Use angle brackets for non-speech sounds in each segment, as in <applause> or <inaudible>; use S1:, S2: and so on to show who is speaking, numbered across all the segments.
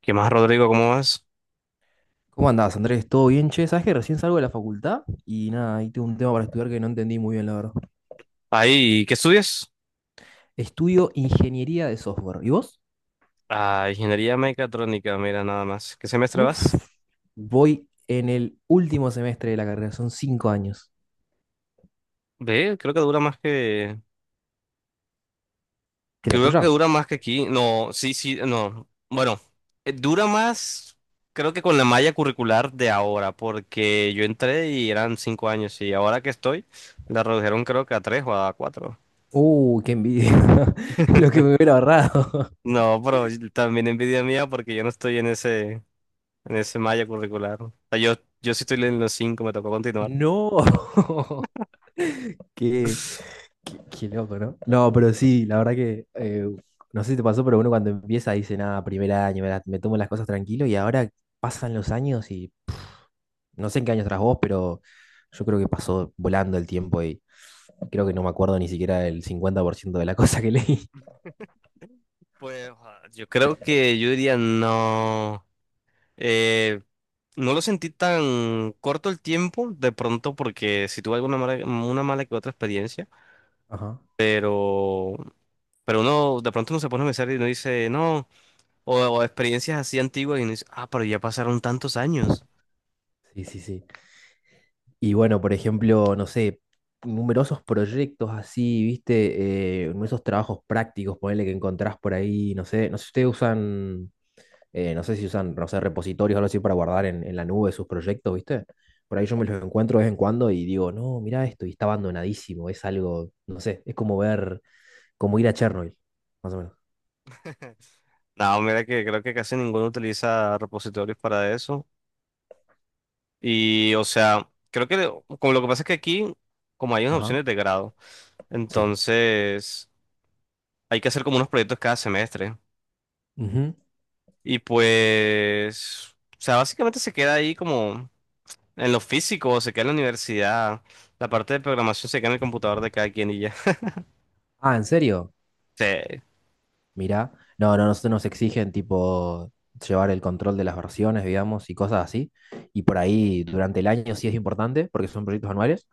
S1: ¿Qué más, Rodrigo? ¿Cómo vas?
S2: ¿Cómo andás, Andrés? ¿Todo bien, che? ¿Sabés que recién salgo de la facultad? Y nada, ahí tengo un tema para estudiar que no entendí muy bien, la verdad.
S1: Ahí, ¿qué estudias?
S2: Estudio ingeniería de software. ¿Y vos?
S1: Ah, ingeniería mecatrónica, mira, nada más. ¿Qué semestre vas?
S2: Uf, voy en el último semestre de la carrera, son cinco años.
S1: Ve, creo que dura más que
S2: ¿Qué la
S1: creo que
S2: tuya?
S1: dura más que aquí. No, sí, sí, no. Bueno, dura más, creo que con la malla curricular de ahora, porque yo entré y eran 5 años y ahora que estoy, la redujeron creo que a 3 o a 4.
S2: Qué envidia. <laughs> Lo que me hubiera ahorrado. <laughs>
S1: No, pero también envidia mía porque yo no estoy en ese malla curricular. O sea, yo sí estoy en los 5, me tocó continuar.
S2: No. <laughs> Qué, qué loco, ¿no? No, pero sí, la verdad que no sé si te pasó, pero uno cuando empieza dice, nada, primer año, me tomo las cosas tranquilo y ahora pasan los años y no sé en qué año estás vos, pero yo creo que pasó volando el tiempo y creo que no me acuerdo ni siquiera el 50% de la <laughs> cosa que leí.
S1: Pues, yo creo que yo diría no. Eh, no lo sentí tan corto el tiempo, de pronto, porque si tuve una mala que otra experiencia,
S2: Ajá.
S1: pero, pero uno de pronto uno se pone a pensar y uno dice, no, o experiencias así antiguas y uno dice, ah, pero ya pasaron tantos años.
S2: Sí, sí, sí. Y bueno, por ejemplo, no sé, numerosos proyectos así, viste, numerosos trabajos prácticos, ponele que encontrás por ahí, no sé, no sé si ustedes usan, no sé si usan, no sé, repositorios o algo así para guardar en la nube sus proyectos, viste. Por ahí yo me los encuentro de vez en cuando y digo, no, mirá esto, y está abandonadísimo, es algo, no sé, es como ver como ir a Chernobyl, más o menos.
S1: <laughs> No, mira que creo que casi ninguno utiliza repositorios para eso. Y, o sea, creo que como lo que pasa es que aquí, como hay unas
S2: Ajá,
S1: opciones de grado,
S2: sí.
S1: entonces. Hay que hacer como unos proyectos cada semestre.
S2: Ujú.
S1: Y pues, o sea, básicamente se queda ahí como en lo físico, se queda en la universidad. La parte de programación se queda en el computador de cada quien y ya. <laughs>
S2: Ah, ¿en serio?
S1: Sí.
S2: Mirá. No, no, nosotros nos exigen tipo llevar el control de las versiones, digamos, y cosas así. Y por ahí durante el año sí es importante, porque son proyectos anuales,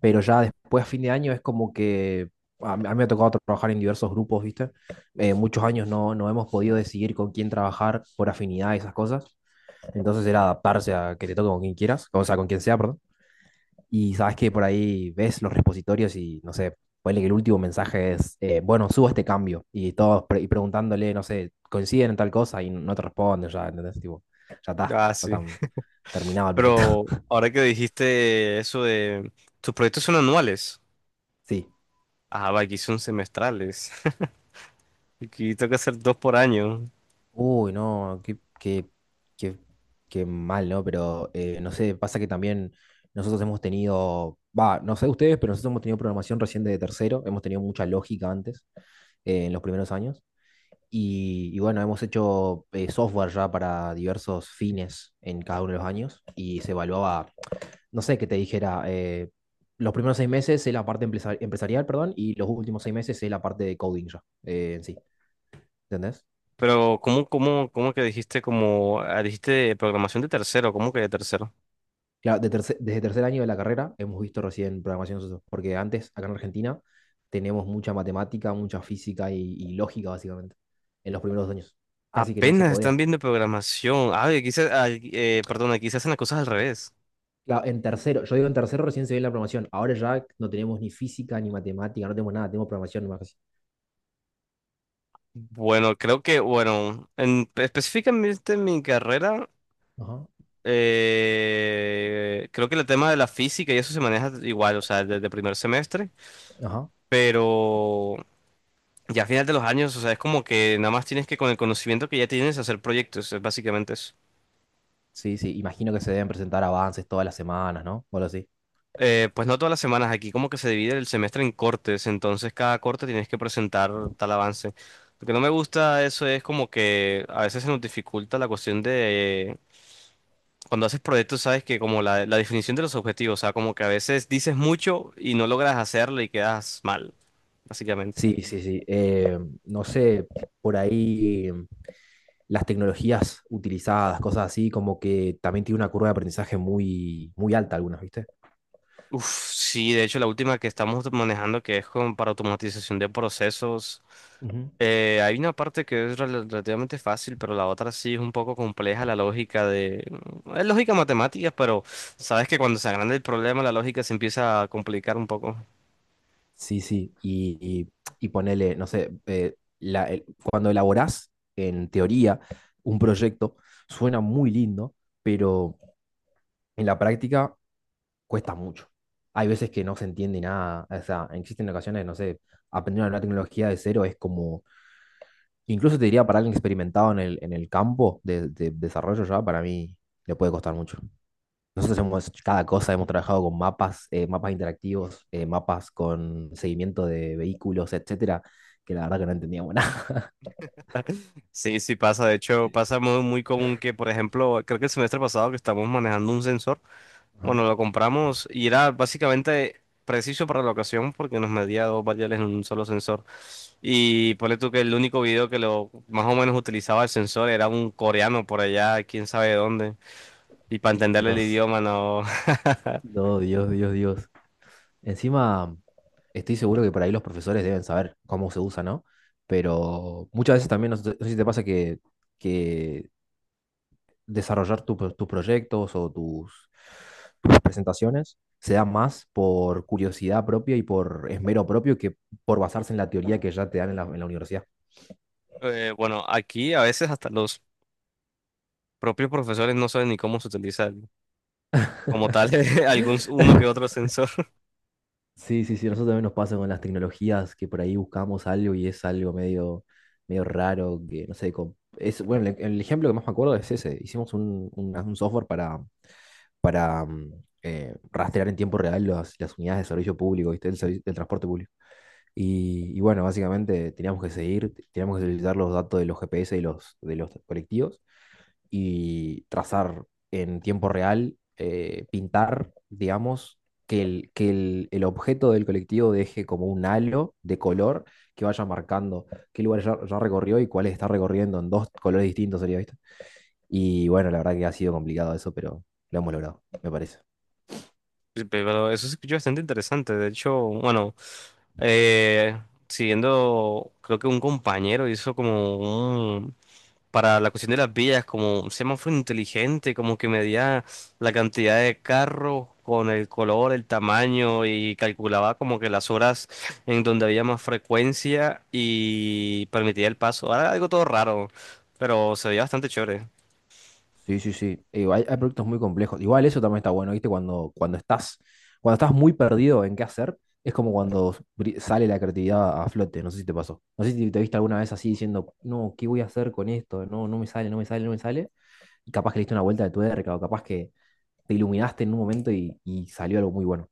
S2: pero ya después, a fin de año, es como que a mí me ha tocado trabajar en diversos grupos, ¿viste? Muchos años no, no hemos podido decidir con quién trabajar por afinidad y esas cosas. Entonces era adaptarse a que te toque con quien quieras, o sea, con quien sea, perdón. Y sabes que por ahí ves los repositorios y no sé, ponele que el último mensaje es, bueno, subo este cambio. Y todos preguntándole, no sé, coinciden en tal cosa y no te responden ya, ¿entendés? Tipo,
S1: Ah,
S2: ya
S1: sí.
S2: está terminado el proyecto.
S1: Pero
S2: <laughs>
S1: ahora que dijiste eso de tus proyectos son anuales.
S2: Sí.
S1: Ah, va, aquí son semestrales. <laughs> Aquí tengo que hacer 2 por año.
S2: Uy, no, qué, qué mal, ¿no? Pero no sé, pasa que también nosotros hemos tenido, va, no sé ustedes, pero nosotros hemos tenido programación recién de tercero, hemos tenido mucha lógica antes, en los primeros años. Y bueno, hemos hecho software ya para diversos fines en cada uno de los años y se evaluaba, no sé qué te dijera, los primeros seis meses es la parte empresarial, perdón, y los últimos seis meses es la parte de coding ya, en sí, ¿entendés?
S1: Pero, ¿cómo que dijiste como dijiste programación de tercero? ¿Cómo que de tercero?
S2: Claro, desde tercer año de la carrera hemos visto recién programación, nosotros, porque antes, acá en Argentina, tenemos mucha matemática, mucha física y lógica, básicamente, en los primeros años. Casi que no se
S1: Apenas están
S2: codea.
S1: viendo programación. Ah, perdón, aquí se hacen las cosas al revés.
S2: Claro, en tercero, yo digo en tercero recién se ve la programación. Ahora ya no tenemos ni física ni matemática, no tenemos nada, tenemos programación nomás. Casi.
S1: Bueno, creo que, bueno, específicamente en mi carrera,
S2: Ajá,
S1: creo que el tema de la física y eso se maneja igual, o sea, desde primer semestre,
S2: ajá.
S1: pero ya a final de los años, o sea, es como que nada más tienes que con el conocimiento que ya tienes hacer proyectos, es básicamente eso.
S2: Sí, sí, imagino que se deben presentar avances todas las semanas, ¿no? O algo así.
S1: Pues no todas las semanas, aquí como que se divide el semestre en cortes, entonces cada corte tienes que presentar tal avance. Lo que no me gusta eso es como que a veces se nos dificulta la cuestión de cuando haces proyectos, sabes que como la definición de los objetivos, o sea, como que a veces dices mucho y no logras hacerlo y quedas mal, básicamente.
S2: Sí, sí, sí. No sé, por ahí las tecnologías utilizadas, cosas así, como que también tiene una curva de aprendizaje muy, muy alta algunas, ¿viste?
S1: Uf, sí, de hecho la última que estamos manejando que es como para automatización de procesos. Hay una parte que es relativamente fácil, pero la otra sí es un poco compleja, la lógica de... mm, es lógica matemática, pero sabes que cuando se agranda el problema, la lógica se empieza a complicar un poco.
S2: Sí, sí, y ponele, no sé, cuando elaborás en teoría un proyecto, suena muy lindo, pero en la práctica cuesta mucho. Hay veces que no se entiende nada, o sea, existen ocasiones, no sé, aprender una nueva tecnología de cero es como, incluso te diría para alguien experimentado en el campo de desarrollo ya, para mí le puede costar mucho. Nosotros hemos hecho cada cosa, hemos trabajado con mapas, mapas interactivos, mapas con seguimiento de vehículos, etcétera, que la verdad que no entendíamos <laughs> nada.
S1: Sí, sí pasa. De hecho, pasa muy, muy común que, por ejemplo, creo que el semestre pasado que estamos manejando un sensor, bueno,
S2: Ajá.
S1: lo compramos y era básicamente preciso para la ocasión porque nos medía dos variables en un solo sensor. Y ponle tú que el único video que lo más o menos utilizaba el sensor era un coreano por allá, quién sabe dónde. Y para entenderle el
S2: Dios,
S1: idioma, no. <laughs>
S2: no, Dios, Dios, Dios. Encima, estoy seguro que por ahí los profesores deben saber cómo se usa, ¿no? Pero muchas veces también, no sé, no sé si te pasa que desarrollar tus proyectos o tus presentaciones se da más por curiosidad propia y por esmero propio que por basarse en la teoría que ya te dan en la universidad.
S1: Bueno, aquí a veces hasta los propios profesores no saben ni cómo se utiliza como tal <laughs> algún uno que
S2: <laughs>
S1: otro sensor. <laughs>
S2: Sí, sí, sí, nosotros también nos pasa con las tecnologías que por ahí buscamos algo y es algo medio, medio raro, que no sé, es, bueno, el ejemplo que más me acuerdo es ese, hicimos un software para rastrear en tiempo real las unidades de servicio público, ¿viste? Del transporte público. Y bueno, básicamente teníamos que seguir, teníamos que utilizar los datos de los GPS y de los colectivos y trazar en tiempo real, pintar, digamos, el objeto del colectivo deje como un halo de color que vaya marcando qué lugares ya recorrió y cuáles está recorriendo en dos colores distintos, sería, ¿viste? Y bueno, la verdad que ha sido complicado eso, pero lo hemos logrado, me parece.
S1: Sí, pero eso se escucha bastante interesante. De hecho, bueno, eh, siguiendo, creo que un compañero hizo como un para la cuestión de las vías, como un semáforo inteligente, como que medía la cantidad de carros con el color, el tamaño y calculaba como que las horas en donde había más frecuencia y permitía el paso. Ahora algo todo raro, pero se veía bastante chévere.
S2: Sí, sí, sí. Digo, hay proyectos muy complejos. Igual eso también está bueno, ¿viste? Cuando estás muy perdido en qué hacer, es como cuando sale la creatividad a flote. No sé si te pasó. No sé si te viste alguna vez así diciendo, no, ¿qué voy a hacer con esto? No, no me sale, no me sale, no me sale. Y capaz que le diste una vuelta de tuerca o capaz que te iluminaste en un momento y salió algo muy bueno.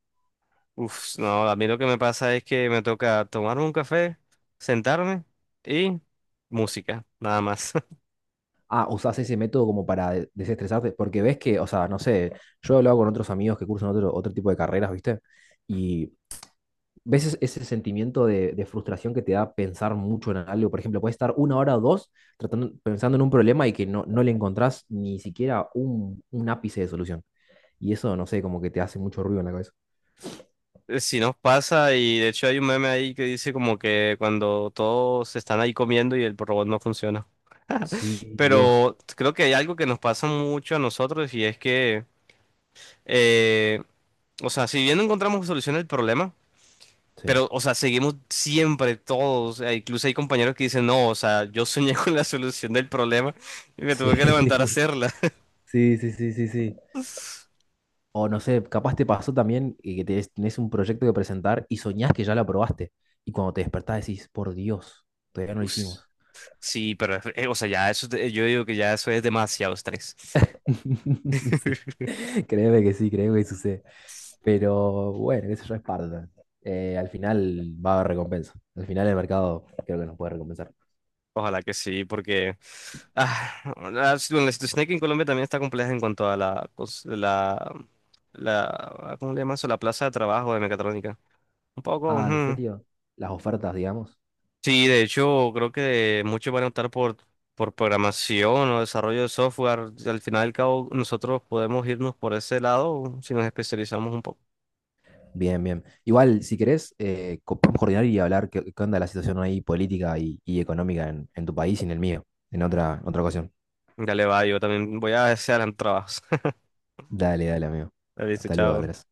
S1: Uf, no, a mí lo que me pasa es que me toca tomar un café, sentarme y música, nada más. <laughs>
S2: Ah, usás ese método como para desestresarte, porque ves que, o sea, no sé, yo he hablado con otros amigos que cursan otro tipo de carreras, ¿viste? Y ¿ves ese sentimiento de frustración que te da pensar mucho en algo? Por ejemplo, puedes estar una hora o dos tratando, pensando en un problema y que no, no le encontrás ni siquiera un ápice de solución. Y eso, no sé, como que te hace mucho ruido en la cabeza.
S1: Sí nos pasa y de hecho hay un meme ahí que dice como que cuando todos están ahí comiendo y el robot no funciona.
S2: Sí, Dios.
S1: Pero creo que hay algo que nos pasa mucho a nosotros y es que, eh, o sea, si bien no encontramos solución al problema,
S2: Sí.
S1: pero, o sea, seguimos siempre todos, incluso hay compañeros que dicen, no, o sea, yo soñé <laughs> con la solución del problema y me
S2: Sí.
S1: tuve que levantar a
S2: <laughs>
S1: hacerla.
S2: Sí, sí, sí, sí, sí. O no sé, capaz te pasó también que tenés un proyecto que presentar y soñás que ya lo aprobaste. Y cuando te despertás decís, por Dios, todavía no lo
S1: Us,
S2: hicimos.
S1: sí, pero, o sea, ya eso, es yo digo que ya eso es demasiado estrés.
S2: <laughs> Sí.
S1: <laughs>
S2: Créeme que sí, créeme que sucede. Pero bueno, eso ya es parte también. Al final va a haber recompensa. Al final el mercado creo que nos puede recompensar.
S1: Ojalá que sí, porque ah, la situación aquí en Colombia también está compleja en cuanto a la, cos- la- ¿cómo le llaman eso? La plaza de trabajo de mecatrónica. Un poco,
S2: Ah, ¿en
S1: ujú.
S2: serio? Las ofertas, digamos.
S1: Sí, de hecho, creo que muchos van a optar por programación o desarrollo de software. Al final y al cabo, nosotros podemos irnos por ese lado si nos especializamos un poco.
S2: Bien, bien. Igual, si querés, podemos coordinar y hablar qué, qué onda la situación ahí política y económica en tu país y en el mío, en otra ocasión.
S1: Dale, va, yo también voy a hacer trabajos.
S2: Dale, dale, amigo.
S1: <laughs> Listo,
S2: Hasta luego,
S1: chao.
S2: Andrés.